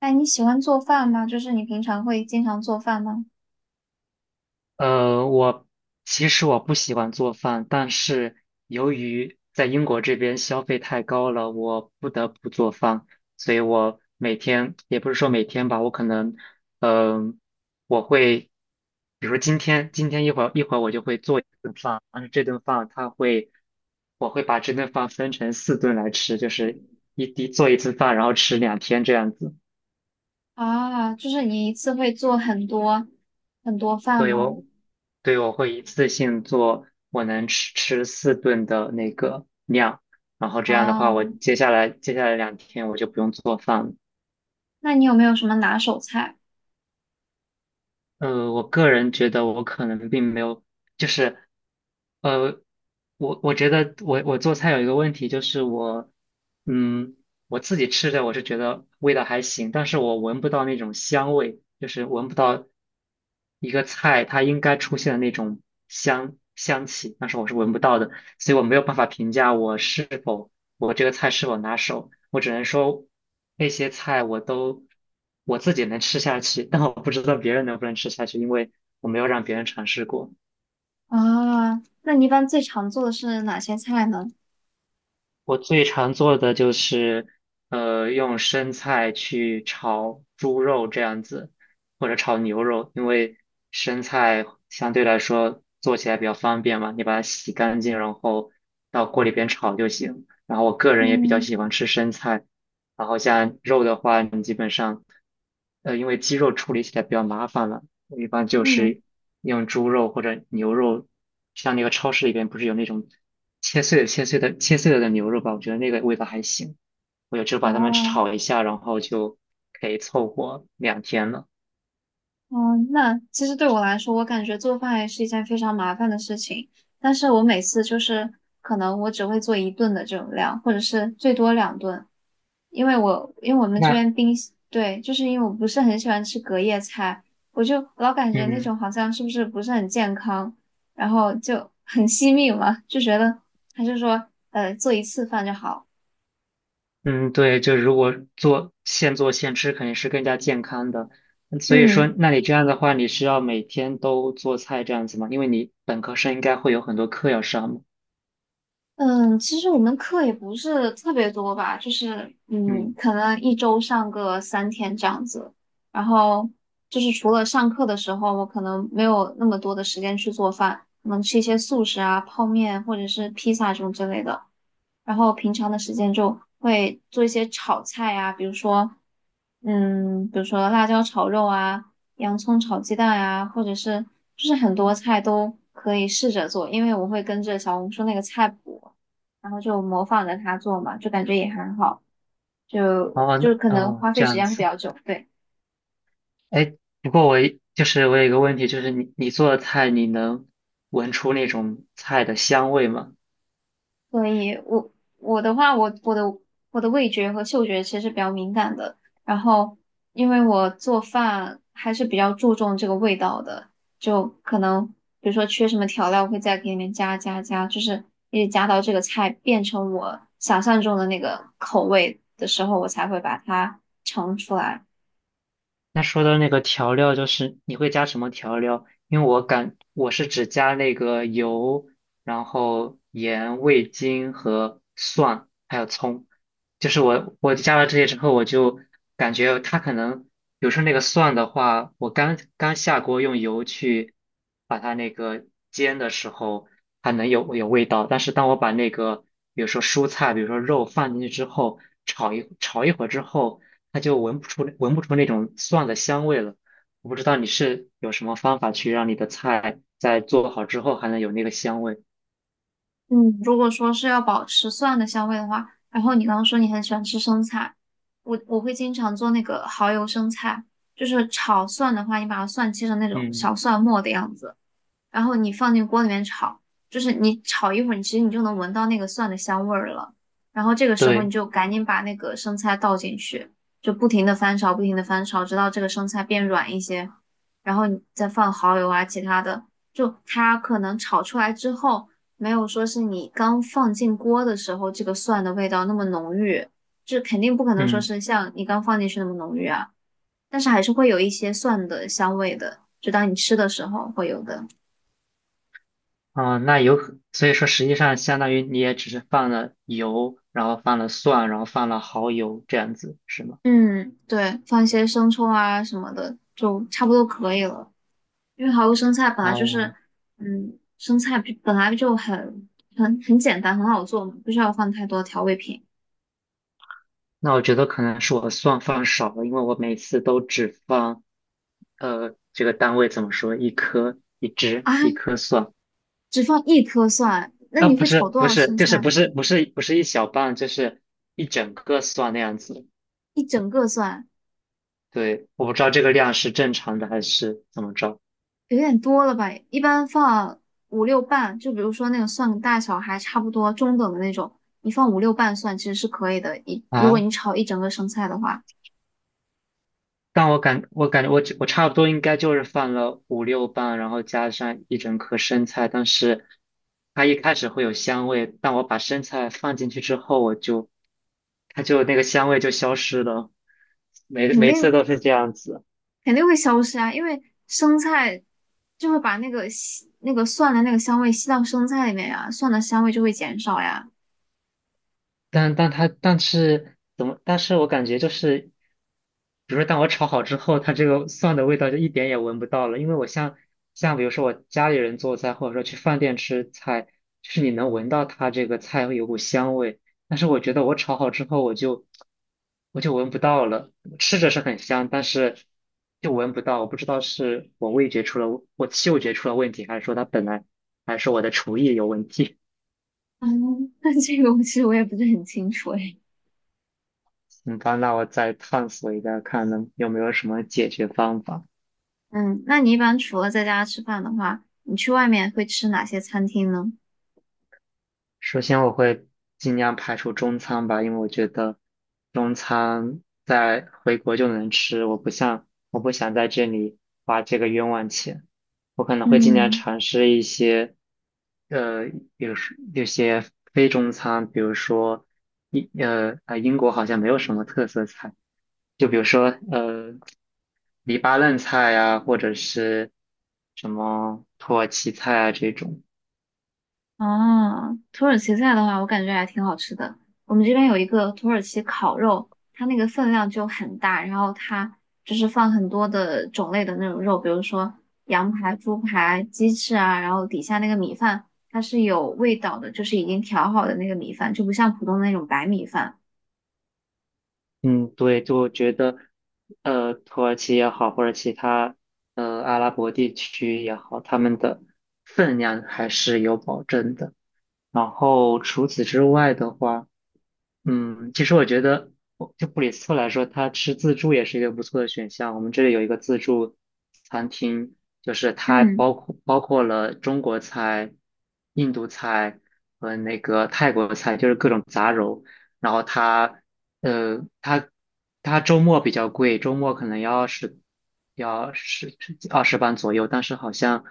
哎，你喜欢做饭吗？就是你平常会经常做饭吗？呃，我其实我不喜欢做饭，但是由于在英国这边消费太高了，我不得不做饭，所以我每天也不是说每天吧，我可能，嗯、我会，比如说今天一会儿我就会做一顿饭，但是这顿饭它会，我会把这顿饭分成四顿来吃，就是一滴做一次饭，然后吃两天这样子。啊，就是你一次会做很多很多饭所以吗？我对，我会一次性做我能吃四顿的那个量，然后这样的话，我啊，接下来两天我就不用做饭了。那你有没有什么拿手菜？我个人觉得我可能并没有，就是呃，我觉得我做菜有一个问题，就是嗯我自己吃着我是觉得味道还行，但是我闻不到那种香味，就是闻不到一个菜它应该出现的那种香气，但是我是闻不到的。所以我没有办法评价我这个菜是否拿手，我只能说那些菜我自己能吃下去，但我不知道别人能不能吃下去，因为我没有让别人尝试过。啊，那你一般最常做的是哪些菜呢？我最常做的就是，用生菜去炒猪肉这样子，或者炒牛肉，因为生菜相对来说做起来比较方便嘛，你把它洗干净，然后到锅里边炒就行。然后我个人也比较嗯喜欢吃生菜，然后像肉的话，你基本上，因为鸡肉处理起来比较麻烦了，我一般就是嗯。用猪肉或者牛肉，像那个超市里边不是有那种。切碎了的牛肉吧，我觉得那个味道还行。我就只把它们哦炒一下，然后就可以凑合两天了。哦。那其实对我来说，我感觉做饭也是一件非常麻烦的事情。但是我每次就是可能我只会做一顿的这种量，或者是最多两顿。因为我们这那边冰箱对，就是因为我不是很喜欢吃隔夜菜，我就老感觉那嗯种好像是不是很健康，然后就很 惜命嘛，就觉得还是说做一次饭就好。嗯，对，就如果现做现吃，肯定是更加健康的。所以说，嗯。那你这样的话，你是要每天都做菜这样子吗？因为你本科生应该会有很多课要上嘛。嗯，其实我们课也不是特别多吧，就是嗯，可能一周上个3天这样子。然后就是除了上课的时候，我可能没有那么多的时间去做饭，可能吃一些素食啊、泡面或者是披萨这种之类的。然后平常的时间就会做一些炒菜啊，比如说，比如说辣椒炒肉啊，洋葱炒鸡蛋呀、或者是就是很多菜都可以试着做，因为我会跟着小红书那个菜谱，然后就模仿着它做嘛，就感觉也很好，就哦就可那能哦，花费这时样间会比子。较久，对。哎，不过就是我有一个问题，就是你做的菜，你能闻出那种菜的香味吗？所以我我的话，我的味觉和嗅觉其实比较敏感的。然后，因为我做饭还是比较注重这个味道的，就可能比如说缺什么调料，我会在里面加加加，就是一直加到这个菜变成我想象中的那个口味的时候，我才会把它盛出来。那说到那个调料，就是你会加什么调料？因为我是只加那个油，然后盐、味精和蒜，还有葱。就是我加了这些之后，我就感觉它可能，比如说那个蒜的话，我刚刚下锅用油去把它那个煎的时候，它能有味道。但是当我把那个比如说蔬菜，比如说肉放进去之后，炒一会儿之后。它就闻不出那种蒜的香味了。我不知道你是有什么方法去让你的菜在做好之后还能有那个香味。嗯，如果说是要保持蒜的香味的话，然后你刚刚说你很喜欢吃生菜，我会经常做那个蚝油生菜，就是炒蒜的话，你把它蒜切成那种小嗯，蒜末的样子，然后你放进锅里面炒，就是你炒一会儿，你其实你就能闻到那个蒜的香味儿了。然后这个时候你对，就赶紧把那个生菜倒进去，就不停的翻炒，不停的翻炒，直到这个生菜变软一些，然后你再放蚝油啊，其他的，就它可能炒出来之后，没有说是你刚放进锅的时候这个蒜的味道那么浓郁，就肯定不可能说嗯，是像你刚放进去那么浓郁啊，但是还是会有一些蒜的香味的，就当你吃的时候会有的。啊、那有可所以说实际上相当于你也只是放了油，然后放了蒜，然后放了蚝油这样子，是吗？嗯，对，放一些生抽啊什么的，就差不多可以了。因为蚝油生菜本来就是，哦，嗯，生菜比本来就很简单，很好做嘛，不需要放太多调味品那我觉得可能是我蒜放少了，因为我每次都只放，这个单位怎么说，一啊。颗蒜。只放一颗蒜，那啊，你不会炒是多不少是，生就是菜？不是一小半，就是一整个蒜那样子。一整个蒜对，我不知道这个量是正常的还是怎么着有点多了吧？一般放五六瓣，就比如说那个蒜大小还差不多中等的那种，你放五六瓣蒜其实是可以的。一如果啊？你炒一整个生菜的话。但我感觉我差不多应该就是放了五六瓣，然后加上一整颗生菜，但是它一开始会有香味，但我把生菜放进去之后，它就那个香味就消失了，肯每次定都是这样子。肯定会消失啊，因为生菜就会把那个吸那个蒜的那个香味吸到生菜里面呀，蒜的香味就会减少呀。但是怎么？但是我感觉就是，比如说，当我炒好之后，它这个蒜的味道就一点也闻不到了。因为像比如说我家里人做菜，或者说去饭店吃菜，就是你能闻到它这个菜会有股香味，但是我觉得我炒好之后，我就闻不到了。吃着是很香，但是就闻不到。我不知道是我嗅觉出了问题，还是说它本来还是我的厨艺有问题。嗯，那这个我其实我也不是很清楚诶。行吧，那我再探索一下，看能有没有什么解决方法。嗯，那你一般除了在家吃饭的话，你去外面会吃哪些餐厅呢？首先，我会尽量排除中餐吧，因为我觉得中餐在回国就能吃，我不想在这里花这个冤枉钱。我可能会尽量嗯。尝试一些，呃，有些非中餐，比如说英国好像没有什么特色菜，就比如说黎巴嫩菜呀、或者是什么土耳其菜啊这种。哦，土耳其菜的话，我感觉还挺好吃的。我们这边有一个土耳其烤肉，它那个分量就很大，然后它就是放很多的种类的那种肉，比如说羊排、猪排、鸡翅啊，然后底下那个米饭它是有味道的，就是已经调好的那个米饭，就不像普通的那种白米饭。嗯，对，就觉得，土耳其也好，或者其他阿拉伯地区也好，他们的分量还是有保证的。然后除此之外的话，其实我觉得，就布里斯托来说，它吃自助也是一个不错的选项。我们这里有一个自助餐厅，就是它嗯。包括了中国菜、印度菜和那个泰国菜，就是各种杂糅。然后它，呃，它它周末比较贵，周末可能要20磅左右，但是好像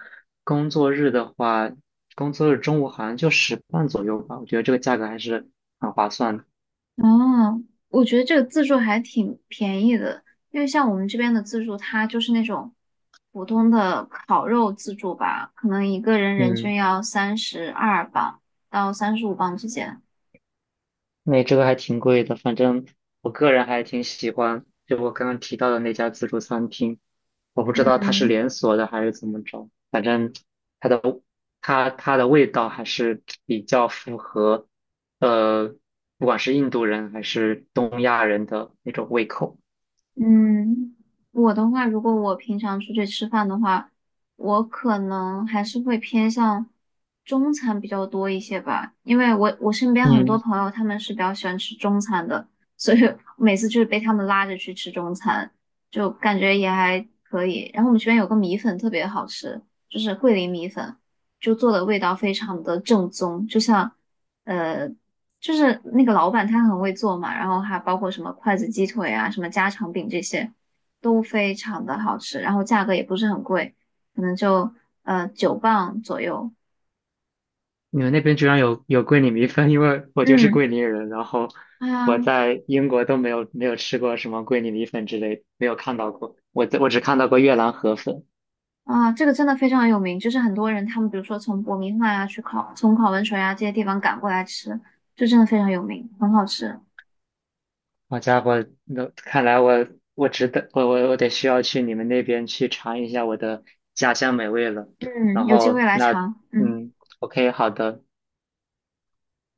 工作日的话，工作日中午好像就十磅左右吧。我觉得这个价格还是很划算的。哦，我觉得这个自助还挺便宜的，因为像我们这边的自助，它就是那种普通的烤肉自助吧，可能一个人人嗯，均要32磅到35磅之间。那这个还挺贵的，反正我个人还挺喜欢，就我刚刚提到的那家自助餐厅，我不知道它是嗯。连锁的还是怎么着，反正它的它的味道还是比较符合，呃，不管是印度人还是东亚人的那种胃口。嗯，我的话，如果我平常出去吃饭的话，我可能还是会偏向中餐比较多一些吧，因为我身边很多嗯，朋友他们是比较喜欢吃中餐的，所以 每次就是被他们拉着去吃中餐，就感觉也还可以。然后我们这边有个米粉特别好吃，就是桂林米粉，就做的味道非常的正宗，就像。呃。就是那个老板他很会做嘛，然后还包括什么筷子鸡腿啊、什么家常饼这些，都非常的好吃，然后价格也不是很贵，可能就9磅左右。你们那边居然有桂林米粉，因为我就是嗯，桂林人，然后哎我呀在英国都没有吃过什么桂林米粉之类的没有看到过。我只看到过越南河粉。啊，这个真的非常有名，就是很多人他们比如说从伯明翰啊去考，从考文垂啊这些地方赶过来吃，就真的非常有名，很好吃。好家伙，那看来我我值得我我我得需要去你们那边去尝一下我的家乡美味了。嗯，然有机会后来那尝。嗯，嗯，OK,好的，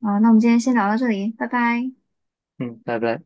好，那我们今天先聊到这里，拜拜。嗯，拜拜。